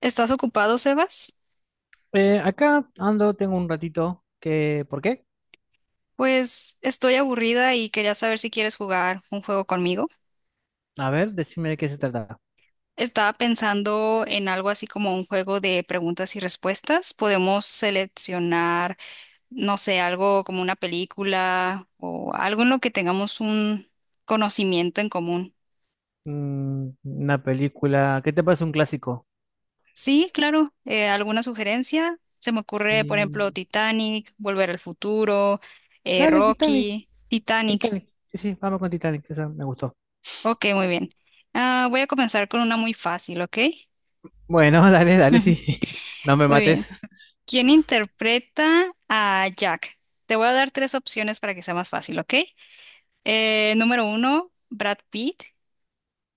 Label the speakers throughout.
Speaker 1: ¿Estás ocupado, Sebas?
Speaker 2: Acá ando, tengo un ratito que. ¿Por qué?
Speaker 1: Pues estoy aburrida y quería saber si quieres jugar un juego conmigo.
Speaker 2: A ver, decime de qué se trata.
Speaker 1: Estaba pensando en algo así como un juego de preguntas y respuestas. Podemos seleccionar, no sé, algo como una película o algo en lo que tengamos un conocimiento en común.
Speaker 2: Mm, una película... ¿Qué te parece un clásico?
Speaker 1: Sí, claro. ¿Alguna sugerencia? Se me ocurre, por ejemplo,
Speaker 2: Y...
Speaker 1: Titanic, Volver al Futuro,
Speaker 2: Dale, Titanic.
Speaker 1: Rocky, Titanic.
Speaker 2: Titanic. Sí, sí, vamos con Titanic. Esa me gustó.
Speaker 1: Ok, muy bien. Ah, voy a comenzar con una muy fácil, ¿ok?
Speaker 2: Bueno, dale, dale, sí. No me
Speaker 1: Muy
Speaker 2: mates.
Speaker 1: bien. ¿Quién interpreta a Jack? Te voy a dar tres opciones para que sea más fácil, ¿ok? Número uno, Brad Pitt.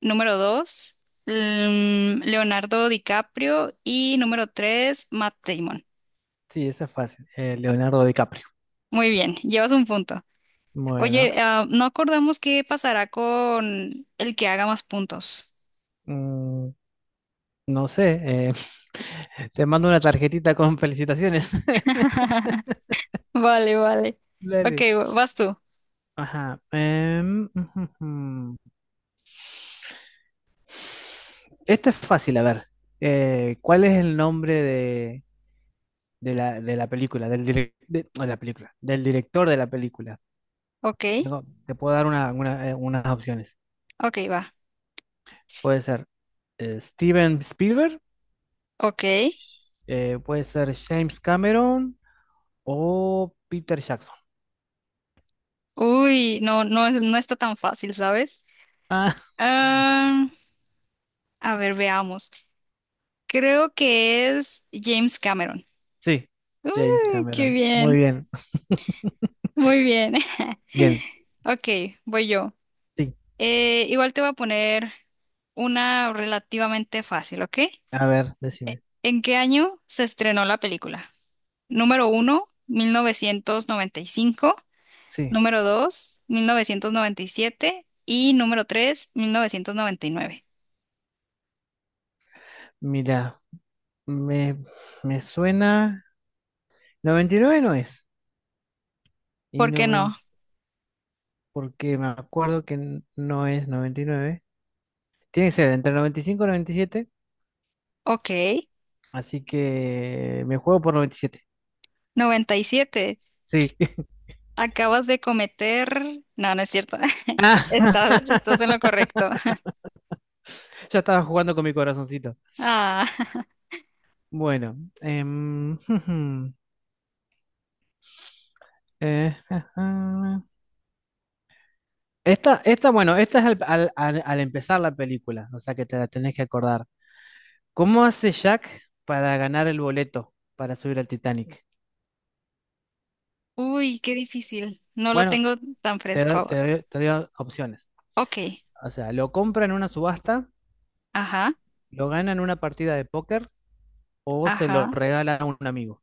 Speaker 1: Número dos, Leonardo DiCaprio. Y número tres, Matt Damon.
Speaker 2: Sí, esa es fácil. Leonardo DiCaprio.
Speaker 1: Muy bien, llevas un punto.
Speaker 2: Bueno,
Speaker 1: Oye, ah, no acordamos qué pasará con el que haga más puntos.
Speaker 2: mm, no sé. Te mando una tarjetita con felicitaciones.
Speaker 1: Vale, vale. Ok,
Speaker 2: Dale.
Speaker 1: vas tú.
Speaker 2: Ajá. Ujú, ujú. Este es fácil, a ver. ¿Cuál es el nombre de la película? Del direc- de, no, de la película, del director de la película.
Speaker 1: Ok,
Speaker 2: Tengo, te puedo dar unas opciones.
Speaker 1: ok, va.
Speaker 2: Puede ser Steven Spielberg,
Speaker 1: Ok.
Speaker 2: puede ser James Cameron o Peter Jackson.
Speaker 1: Uy, no, no, no está tan fácil, ¿sabes?
Speaker 2: Ah,
Speaker 1: Ah, a ver, veamos. Creo que es James Cameron.
Speaker 2: sí, James
Speaker 1: Uy, qué
Speaker 2: Cameron. Muy
Speaker 1: bien.
Speaker 2: bien,
Speaker 1: Muy bien.
Speaker 2: bien.
Speaker 1: Ok, voy yo.
Speaker 2: Sí,
Speaker 1: Igual te voy a poner una relativamente fácil, ¿ok?
Speaker 2: a ver, decime.
Speaker 1: ¿En qué año se estrenó la película? Número uno, 1995.
Speaker 2: Sí,
Speaker 1: Número dos, 1997. Y número tres, 1999.
Speaker 2: mira, me, me suena. 99 no es. Y
Speaker 1: ¿Por qué no?
Speaker 2: 90 porque me acuerdo que no es noventa y nueve. Tiene que ser entre noventa y cinco y noventa y siete,
Speaker 1: Ok,
Speaker 2: así que me juego por noventa y siete.
Speaker 1: 97.
Speaker 2: Sí.
Speaker 1: Acabas de cometer. No, no es cierto.
Speaker 2: Ah,
Speaker 1: Estás, estás en lo correcto.
Speaker 2: ya estaba jugando con mi corazoncito.
Speaker 1: Ah,
Speaker 2: Bueno, em, eh, esta, bueno, esta es al, al- al- al empezar la película, o sea que te la tenés que acordar. ¿Cómo hace Jack para ganar el boleto para subir al Titanic?
Speaker 1: uy, qué difícil. No lo
Speaker 2: Bueno,
Speaker 1: tengo tan fresco ahora.
Speaker 2: te doy opciones.
Speaker 1: Ok,
Speaker 2: O sea, ¿lo compra en una subasta,
Speaker 1: ajá,
Speaker 2: lo gana en una partida de póker o se lo
Speaker 1: ajá.
Speaker 2: regala a un amigo?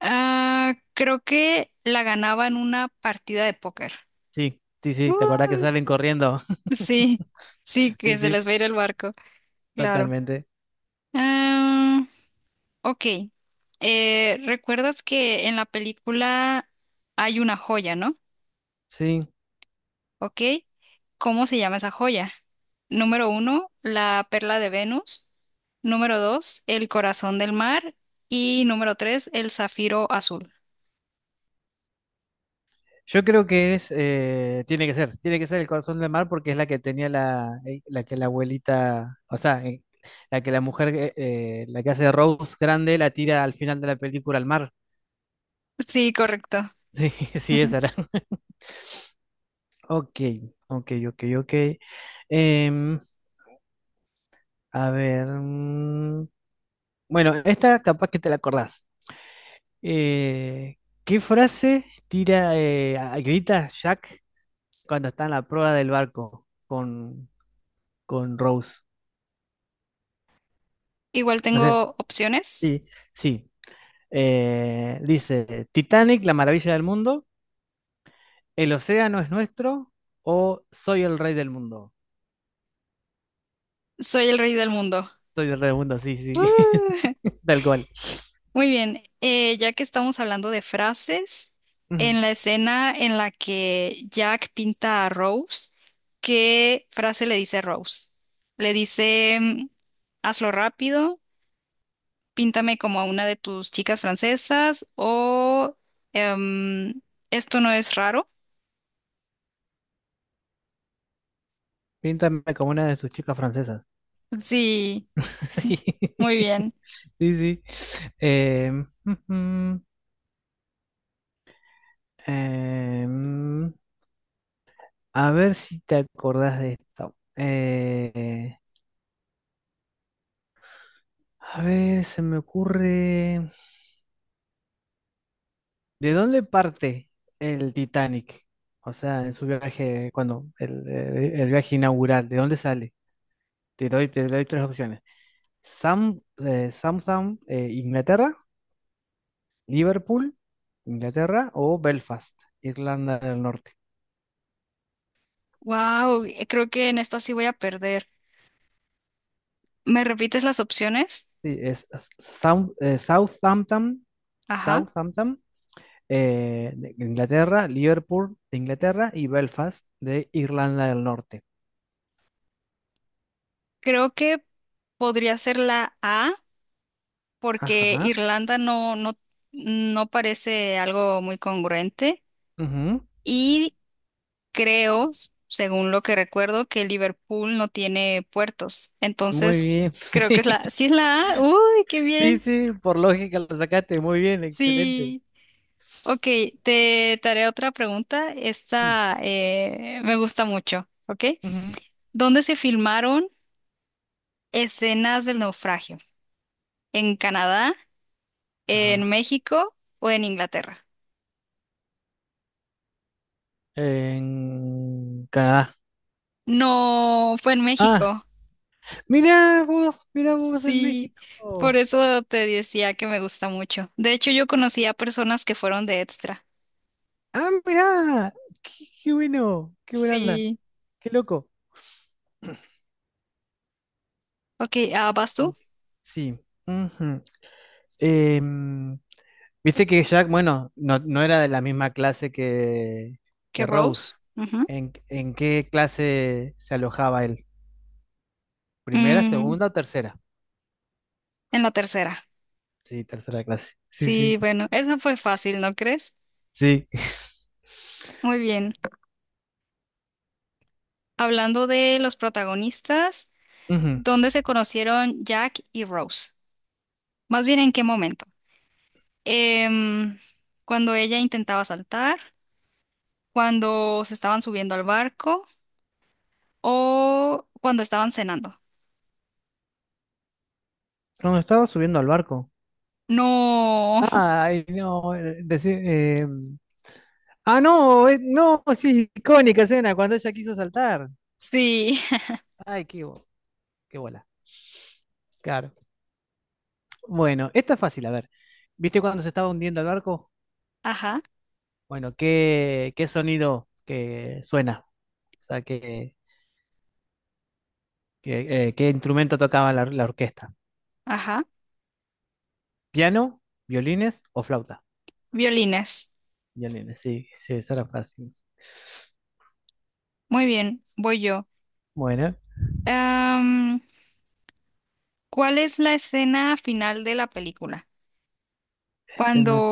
Speaker 1: Ah, creo que la ganaba en una partida de póker.
Speaker 2: Sí, sí, sí, ¿te acordás
Speaker 1: Uh,
Speaker 2: que salen corriendo?
Speaker 1: sí, sí,
Speaker 2: Sí,
Speaker 1: que se
Speaker 2: sí,
Speaker 1: les va a ir el barco, claro.
Speaker 2: totalmente.
Speaker 1: Ah, ok. ¿Recuerdas que en la película hay una joya, no?
Speaker 2: Sí,
Speaker 1: ¿Ok? ¿Cómo se llama esa joya? Número uno, la perla de Venus. Número dos, el corazón del mar. Y número tres, el zafiro azul.
Speaker 2: yo creo que es, tiene que ser el corazón del mar porque es la que la abuelita, o sea, la mujer, la que hace Rose grande, la tira al final de la película al mar.
Speaker 1: Sí, correcto.
Speaker 2: Sí, sí,
Speaker 1: Ujú.
Speaker 2: esa era. Ok, ok, ok, ok. Em, a ver, mm, bueno, esta capaz que te la acordás. Eh, ¿qué frase grita Jack cuando está en la prueba del barco con Rose?
Speaker 1: Igual
Speaker 2: No sé,
Speaker 1: tengo opciones.
Speaker 2: sí, sí. Dice: Titanic, la maravilla del mundo, el océano es nuestro, o soy el rey del mundo.
Speaker 1: Soy el rey del mundo.
Speaker 2: Soy el rey del mundo, sí, sí,
Speaker 1: ¡Uh!
Speaker 2: tal cual.
Speaker 1: Muy bien, ya que estamos hablando de frases,
Speaker 2: Ujú.
Speaker 1: en la escena en la que Jack pinta a Rose, ¿qué frase le dice Rose? Le dice, hazlo rápido. Píntame como a una de tus chicas francesas o em, esto no es raro.
Speaker 2: Píntame como una de tus chicas francesas.
Speaker 1: Sí, muy
Speaker 2: Sí,
Speaker 1: bien.
Speaker 2: sí, sí. Ujú. Em, A ver si te acordás de esto. A ver, se me ocurre. ¿De dónde parte el Titanic? O sea, en su viaje, cuando el viaje inaugural, ¿de dónde sale? Te doy tres opciones. Southam, Inglaterra, Liverpool, Inglaterra, o Belfast, Irlanda del Norte.
Speaker 1: Wow, creo que en esta sí voy a perder. ¿Me repites las opciones?
Speaker 2: Sí, es South, eh, Southampton,
Speaker 1: Ajá.
Speaker 2: Southampton, de Inglaterra, Liverpool de Inglaterra, y Belfast de Irlanda del Norte.
Speaker 1: Creo que podría ser la A porque
Speaker 2: Ajá.
Speaker 1: Irlanda no, no, no parece algo muy congruente
Speaker 2: Ujú.
Speaker 1: y creo, según lo que recuerdo, que Liverpool no tiene puertos.
Speaker 2: Muy
Speaker 1: Entonces,
Speaker 2: bien.
Speaker 1: creo que es la. Sí, es la A. Uy, qué
Speaker 2: Sí,
Speaker 1: bien.
Speaker 2: sí, sí, por lógica lo sacaste. Muy bien, excelente.
Speaker 1: Sí, ok, te haré otra pregunta.
Speaker 2: Sí.
Speaker 1: Esta me gusta mucho, ¿ok?
Speaker 2: Ujú.
Speaker 1: ¿Dónde se filmaron escenas del naufragio? ¿En Canadá, en
Speaker 2: Ajá.
Speaker 1: México o en Inglaterra?
Speaker 2: En Canadá.
Speaker 1: No, fue en
Speaker 2: Ah,
Speaker 1: México.
Speaker 2: mira vos, mira vos, en
Speaker 1: Sí, por
Speaker 2: México.
Speaker 1: eso te decía que me gusta mucho. De hecho, yo conocí a personas que fueron de extra.
Speaker 2: Ah, mira, qué, qué bueno, qué buena onda,
Speaker 1: Sí.
Speaker 2: qué loco.
Speaker 1: Ok, ah, ¿vas tú?
Speaker 2: Ok. Sí. Ujú. Em, Viste que Jack, bueno, no, no era de la misma que
Speaker 1: ¿Qué
Speaker 2: Rose.
Speaker 1: Rose? Ujú.
Speaker 2: ¿En qué clase se alojaba él? ¿Primera,
Speaker 1: Mm,
Speaker 2: segunda o tercera?
Speaker 1: en la tercera.
Speaker 2: Sí, tercera clase. Sí,
Speaker 1: Sí,
Speaker 2: sí,
Speaker 1: bueno, eso fue fácil, ¿no crees?
Speaker 2: sí.
Speaker 1: Muy bien. Hablando de los protagonistas,
Speaker 2: Ujú.
Speaker 1: ¿dónde se conocieron Jack y Rose? Más bien, ¿en qué momento? Em, Cuando ella intentaba saltar, cuando se estaban subiendo al barco o cuando estaban cenando.
Speaker 2: Cuando estaba subiendo al barco.
Speaker 1: No,
Speaker 2: Ay, no, decí- ah, no, no, sí, icónica escena, cuando ella quiso saltar.
Speaker 1: sí,
Speaker 2: Ay, qué, bo- qué bola. Claro. Bueno, esta es fácil, a ver. ¿Viste cuando se estaba hundiendo el barco?
Speaker 1: ajá,
Speaker 2: Bueno, ¿qué sonido que suena? O sea, ¿qué instrumento tocaba la orquesta?
Speaker 1: ajá.
Speaker 2: ¿Piano, violines o flauta?
Speaker 1: Violines.
Speaker 2: Violines, sí, sí, esa era fácil.
Speaker 1: Muy bien, voy yo.
Speaker 2: Bueno,
Speaker 1: Em, ¿Cuál es la escena final de la película? Cuando
Speaker 2: escena-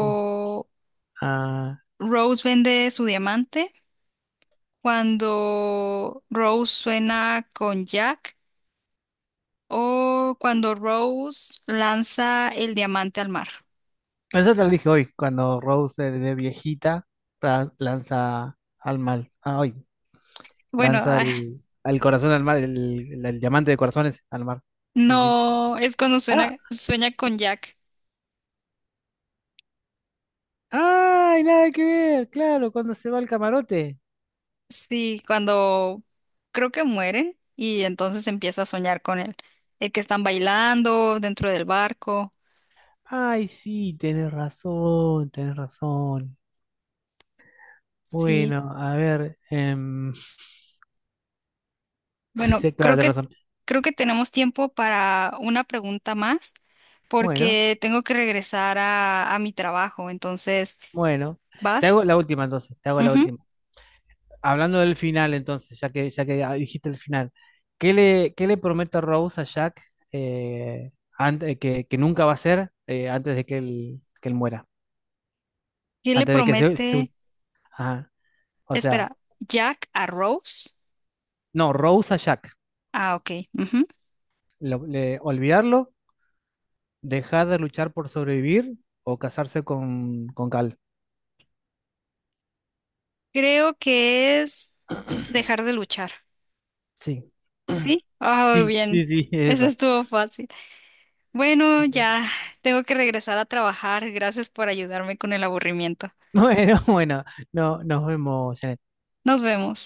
Speaker 2: ah,
Speaker 1: Rose vende su diamante. Cuando Rose suena con Jack o cuando Rose lanza el diamante al mar.
Speaker 2: eso te lo dije hoy, cuando Rose de viejita lanza al mal. Ah, hoy,
Speaker 1: Bueno,
Speaker 2: lanza
Speaker 1: ah,
Speaker 2: el, al corazón al mar, el diamante de corazones al mar. Sí, sí.
Speaker 1: no, es cuando
Speaker 2: Ah,
Speaker 1: sueña con Jack.
Speaker 2: ¡ay, nada que ver! Claro, cuando se va al camarote.
Speaker 1: Sí, cuando creo que mueren y entonces empieza a soñar con él. El que están bailando dentro del barco.
Speaker 2: Ay, sí, tenés razón, tenés razón.
Speaker 1: Sí,
Speaker 2: Bueno, a ver.
Speaker 1: bueno,
Speaker 2: Sí, claro,
Speaker 1: creo
Speaker 2: tenés
Speaker 1: que
Speaker 2: razón.
Speaker 1: creo que tenemos tiempo para una pregunta más
Speaker 2: Bueno,
Speaker 1: porque tengo que regresar a mi trabajo. Entonces,
Speaker 2: bueno. Te
Speaker 1: ¿vas?
Speaker 2: hago la última entonces, te hago la
Speaker 1: Ujú.
Speaker 2: última. Hablando del final entonces, ya que dijiste el final, ¿qué le promete Rose a Jack, que nunca va a ser, antes de que que él muera?
Speaker 1: ¿Quién le
Speaker 2: Antes de que
Speaker 1: promete?
Speaker 2: ajá. O
Speaker 1: Espera,
Speaker 2: sea,
Speaker 1: Jack a Rose.
Speaker 2: no, Rose a Jack.
Speaker 1: Ah, ok. Ujú.
Speaker 2: Olvidarlo, dejar de luchar por sobrevivir, o casarse con Cal.
Speaker 1: Creo que es dejar de luchar.
Speaker 2: Sí.
Speaker 1: ¿Sí? Ah,
Speaker 2: Sí,
Speaker 1: bien.
Speaker 2: sí, sí,
Speaker 1: Eso
Speaker 2: esa.
Speaker 1: estuvo fácil. Bueno,
Speaker 2: Bueno,
Speaker 1: ya tengo que regresar a trabajar. Gracias por ayudarme con el aburrimiento.
Speaker 2: bueno, bueno, no, nos vemos, Janet.
Speaker 1: Nos vemos.